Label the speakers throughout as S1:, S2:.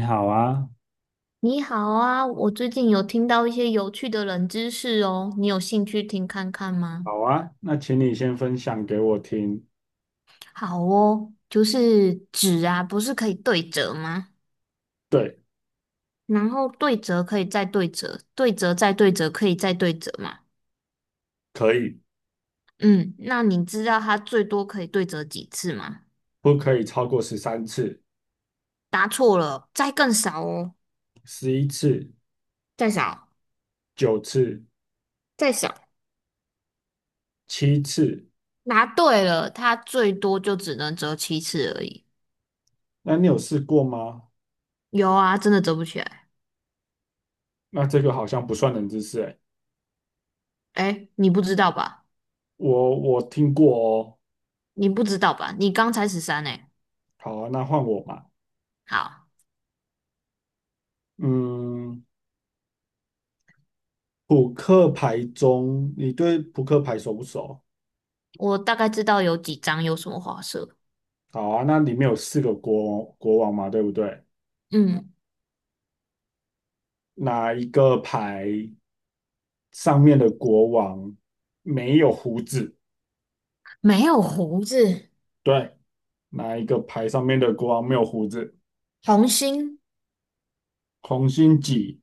S1: 你好啊，
S2: 你好啊，我最近有听到一些有趣的冷知识哦，你有兴趣听看看吗？
S1: 好啊，那请你先分享给我听。
S2: 好哦，就是纸啊，不是可以对折吗？
S1: 对，
S2: 然后对折可以再对折，对折再对折可以再对折嘛？
S1: 可以，
S2: 嗯，那你知道它最多可以对折几次吗？
S1: 不可以超过13次、
S2: 答错了，再更少哦，
S1: 11次、
S2: 再少，
S1: 9次、
S2: 再少。
S1: 7次？
S2: 答对了，它最多就只能折7次而已。
S1: 那你有试过吗？
S2: 有啊，真的折不起来。
S1: 那这个好像不算冷知识诶，
S2: 哎，你不知道吧？
S1: 我听过哦。
S2: 你不知道吧？你刚才13哎，
S1: 好啊，那换我吧。
S2: 好，
S1: 嗯，扑克牌中，你对扑克牌熟不熟？
S2: 我大概知道有几张有什么花色。
S1: 好啊，那里面有四个国王嘛，对不对？
S2: 嗯，
S1: 哪一个牌上面的国王没有胡子？
S2: 没有胡子，
S1: 对，哪一个牌上面的国王没有胡子？
S2: 红心，
S1: 红心几？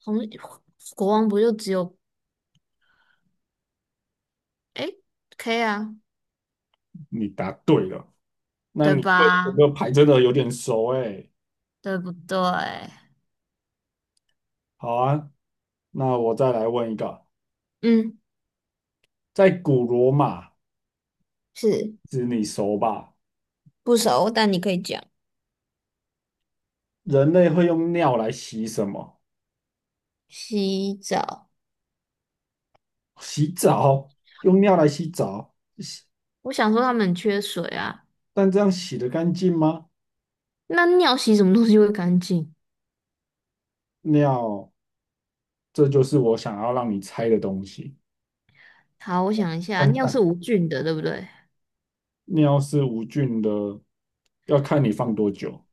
S2: 红国王不就只有哎 K 啊，
S1: 你答对了。那
S2: 对
S1: 你对这
S2: 吧？
S1: 个牌真的有点熟哎。
S2: 对不对？
S1: 好啊，那我再来问一个，
S2: 嗯，
S1: 在古罗马，
S2: 是
S1: 这你熟吧？
S2: 不熟，但你可以讲。
S1: 人类会用尿来洗什么？
S2: 洗澡，
S1: 洗澡，用尿来洗澡，洗，
S2: 我想说他们很缺水啊，
S1: 但这样洗得干净吗？
S2: 那尿洗什么东西会干净？
S1: 尿，这就是我想要让你猜的东西。
S2: 好，我想一下，
S1: 看
S2: 尿是
S1: 看，
S2: 无菌的，对不对？
S1: 尿是无菌的，要看你放多久。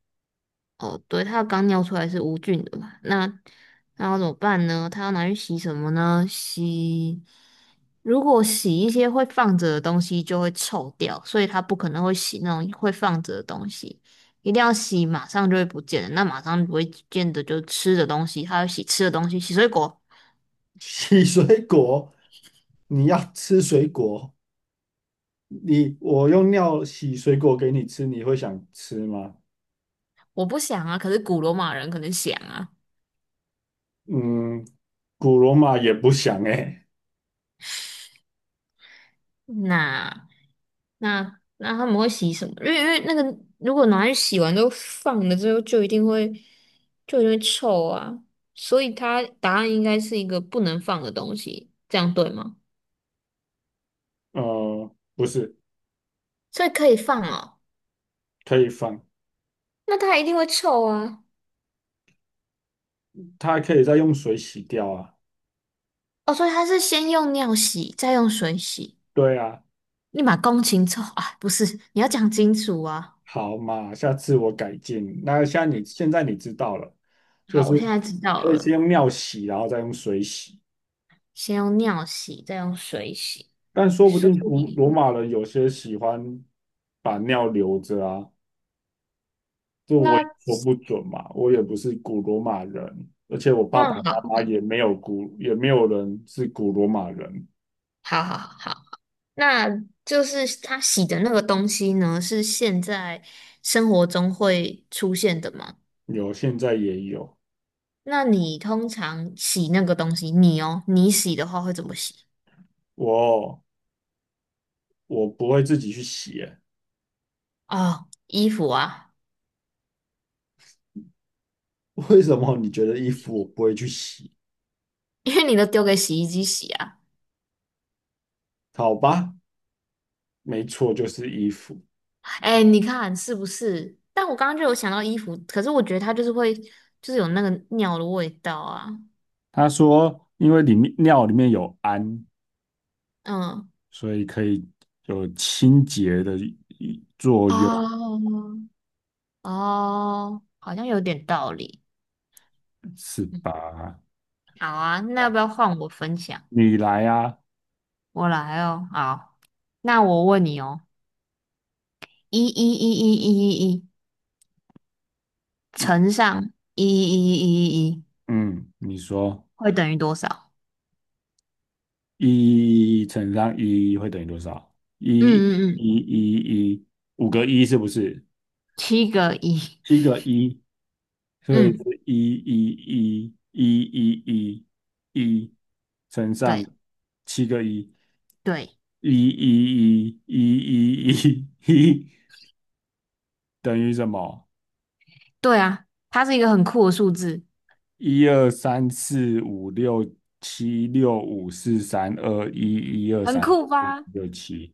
S2: 哦，对，他刚尿出来是无菌的嘛？那要怎么办呢？他要拿去洗什么呢？如果洗一些会放着的东西就会臭掉，所以他不可能会洗那种会放着的东西，一定要洗马上就会不见的。那马上不会见的就是吃的东西，他要洗吃的东西，洗水果。
S1: 洗水果，你要吃水果，你我用尿洗水果给你吃，你会想吃吗？
S2: 我不想啊，可是古罗马人可能想啊。
S1: 嗯，古罗马也不想哎、
S2: 那。那他们会洗什么？因为那个如果拿去洗完之后放了之后，就一定会臭啊。所以它答案应该是一个不能放的东西，这样对吗？
S1: 不是，
S2: 所以可以放哦，
S1: 可以放，
S2: 那它一定会臭啊。
S1: 它可以再用水洗掉啊。
S2: 哦，所以它是先用尿洗，再用水洗，
S1: 对啊，
S2: 立马工勤臭啊？不是，你要讲清楚啊。
S1: 好嘛，下次我改进。那像你现在你知道了，就
S2: 好，
S1: 是
S2: 我现在知道
S1: 可以先
S2: 了，
S1: 用尿洗，然后再用水洗。
S2: 先用尿洗，再用水洗。
S1: 但说不
S2: 所
S1: 定古
S2: 以
S1: 罗马人有些喜欢把尿留着啊。这我也
S2: 那
S1: 说不准嘛，我也不是古罗马人，而且我爸
S2: 那
S1: 爸妈
S2: 好，
S1: 妈也没有古，也没有人是古罗马人，
S2: 好好好。那就是他洗的那个东西呢，是现在生活中会出现的吗？
S1: 有现在也有，
S2: 那你通常洗那个东西，你洗的话会怎么洗？
S1: 我我不会自己去洗欸
S2: 哦，衣服啊，
S1: 为什么你觉得衣服我不会去洗？
S2: 因为你都丢给洗衣机洗啊。
S1: 好吧，没错，就是衣服。
S2: 哎，你看是不是？但我刚刚就有想到衣服，可是我觉得它就是会，就是有那个尿的味道啊。
S1: 他说，因为里面尿里面有氨，
S2: 嗯，
S1: 所以可以有清洁的作用，
S2: 哦哦，好像有点道理。
S1: 是
S2: 嗯，
S1: 吧？
S2: 好啊，那要不要换我分享？
S1: 你来啊，
S2: 我来哦，好，那我问你哦，1111111
S1: 那
S2: 乘上一一一一一一
S1: 嗯，你说。
S2: 会等于多少？
S1: 一乘上一会等于多少？
S2: 嗯
S1: 一
S2: 嗯嗯，
S1: 一一一，五个一是不是？
S2: 七个一，
S1: 七个一，所以
S2: 嗯，
S1: 是一一一一一一一乘
S2: 对
S1: 上七个一，
S2: 对
S1: 一一一一一一一等于什么？
S2: 对啊，它是一个很酷的数字，
S1: 一二三四五六七六五四三二一一二
S2: 很
S1: 三
S2: 酷
S1: 四五
S2: 吧？
S1: 六七，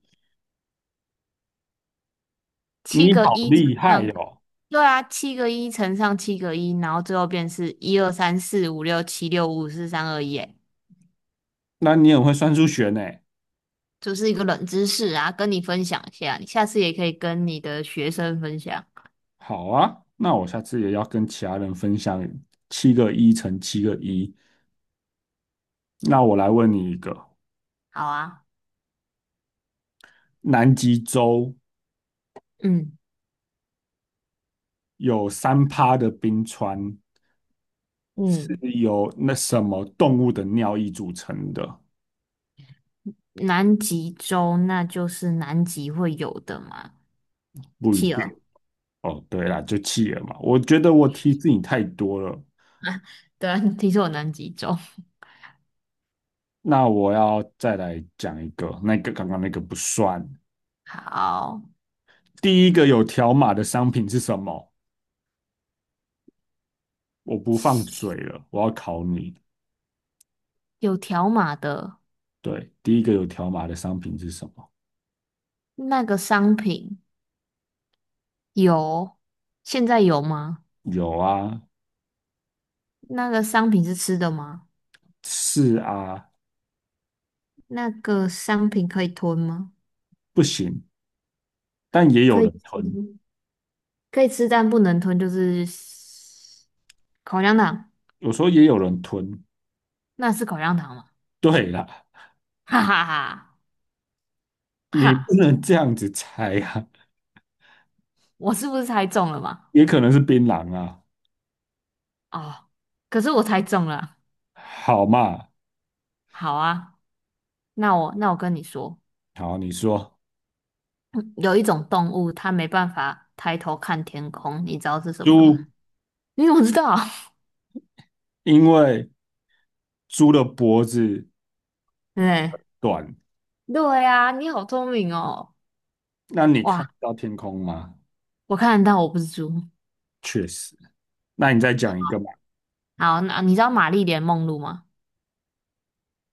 S1: 你
S2: 七个
S1: 好
S2: 一乘
S1: 厉害
S2: 上，
S1: 哦！
S2: 对啊，七个一乘上七个一，然后最后变是1234567654321，哎，
S1: 那你很会算数学呢。
S2: 就是一个冷知识啊，跟你分享一下，你下次也可以跟你的学生分享，
S1: 好啊，那我下次也要跟其他人分享七个一乘七个一。那我来问你一个：
S2: 好啊。
S1: 南极洲
S2: 嗯。
S1: 有3%的冰川是
S2: 嗯，
S1: 由那什么动物的尿液组成的？
S2: 南极洲那就是南极会有的嘛，
S1: 不一定
S2: 企鹅。
S1: 哦。对啦，就企鹅嘛。我觉得我提示你太多了。
S2: 对啊，听说有南极洲。
S1: 那我要再来讲一个，那个刚刚那个不算。
S2: 好，
S1: 第一个有条码的商品是什么？我不放水了，我要考你。
S2: 有条码的
S1: 对，第一个有条码的商品是什么？
S2: 那个商品有，现在有吗？
S1: 有啊，
S2: 那个商品是吃的吗？
S1: 是啊，
S2: 那个商品可以吞吗？
S1: 不行，但也有
S2: 可以
S1: 人
S2: 吃，
S1: 吞。
S2: 可以吃，但不能吞，就是口香糖。
S1: 有时候也有人吞。
S2: 那是口香糖吗？
S1: 对啦，
S2: 哈哈哈
S1: 你不
S2: 哈！
S1: 能这样子猜啊，
S2: 我是不是猜中了嘛？
S1: 也可能是槟榔啊。
S2: 哦，可是我猜中了。
S1: 好嘛，
S2: 好啊。那我跟你说，
S1: 好，你说
S2: 嗯有一种动物它没办法抬头看天空，你知道是什么吗？
S1: 猪，
S2: 你怎么知道？
S1: 因为猪的脖子
S2: 对
S1: 短，
S2: 对呀、你好聪明哦！
S1: 那你看不
S2: 哇，
S1: 到天空吗？
S2: 我看得到，我不是猪。
S1: 确实。那你再讲一个嘛，
S2: 好，那你知道玛丽莲梦露吗？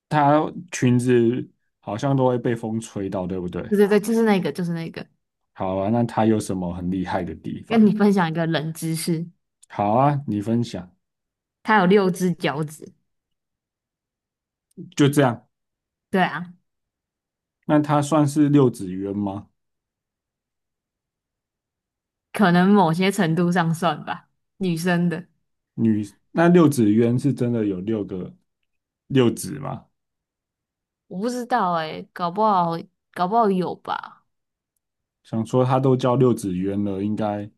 S1: 它裙子好像都会被风吹到，对不对？
S2: 对对对，就是那个，就是那个。
S1: 好啊，那它有什么很厉害的地
S2: 跟你
S1: 方？
S2: 分享一个冷知识，
S1: 好啊，你分享，
S2: 它有6只脚趾。
S1: 就这样。
S2: 对啊，
S1: 那它算是六子渊吗？
S2: 可能某些程度上算吧，女生的。
S1: 女，那六子渊是真的有六个六子吗？
S2: 我不知道哎、搞不好有吧，
S1: 想说它都叫六子渊了，应该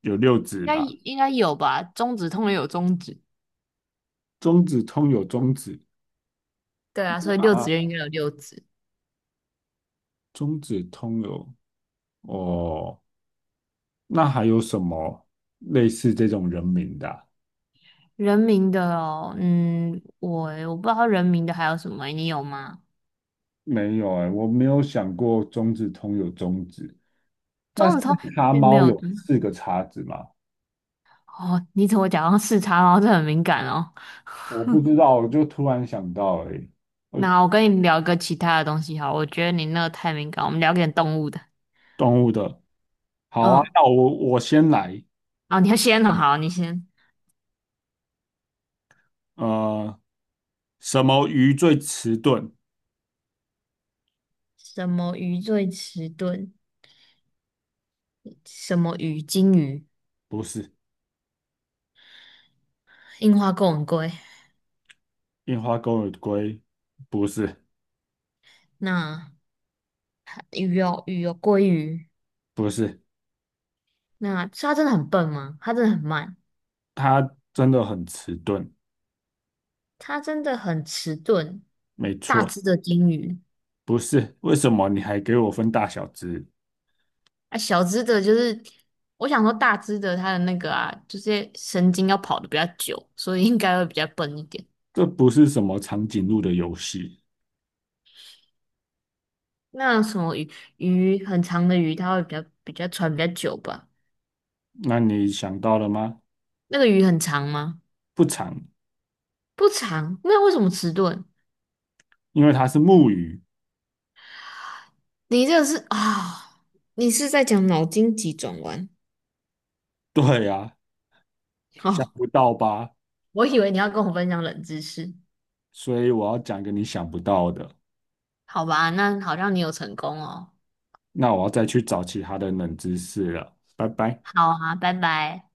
S1: 有六子吧？
S2: 应该有吧。中指通常有中指。
S1: 中子通有中子，
S2: 对啊，所以六
S1: 啊，
S2: 子院应该有六子。
S1: 中子通有哦。那还有什么类似这种人名的啊
S2: 人民的哦，嗯，我不知道人民的还有什么欸你有吗？
S1: 没有哎、我没有想过中子通有中子。那
S2: 钟
S1: 四
S2: 子通
S1: 叉
S2: 并没
S1: 猫
S2: 有
S1: 有四个叉子吗？
S2: 哦，你怎么假装视察，然后这很敏感哦。
S1: 我不知道，我就突然想到哎、欸，呃，
S2: 那我跟你聊个其他的东西好，我觉得你那个太敏感，我们聊点动物的。
S1: 动物的好啊，
S2: 嗯，
S1: 那我先来。
S2: 啊，你要先哦，好，你先。
S1: 呃，什么鱼最迟钝？
S2: 什么鱼最迟钝？什么鱼？金鱼、
S1: 不是，
S2: 樱花钩吻龟。
S1: 印花钩尾龟，不是，
S2: 那鱼有鱼有鲑鱼。
S1: 不是，
S2: 那是它真的很笨吗？它真的很慢。
S1: 它真的很迟钝，
S2: 它真的很迟钝，
S1: 没
S2: 大
S1: 错，
S2: 只的鲸鱼
S1: 不是。为什么你还给我分大小只？
S2: 啊，小只的就是，我想说大只的它的那个啊，就是神经要跑得比较久，所以应该会比较笨一点。
S1: 这不是什么长颈鹿的游戏。
S2: 那什么鱼很长的鱼，它会比较传比较久吧？
S1: 那你想到了吗？
S2: 那个鱼很长吗？
S1: 不长，
S2: 不长，那为什么迟钝？
S1: 因为它是木鱼。
S2: 你这个是啊、你是在讲脑筋急转弯
S1: 对啊，想
S2: 哦？
S1: 不到吧？
S2: 我以为你要跟我分享冷知识，
S1: 所以我要讲个你想不到的。
S2: 好吧？那好像你有成功哦。
S1: 那我要再去找其他的冷知识了。拜拜。
S2: 好啊，拜拜。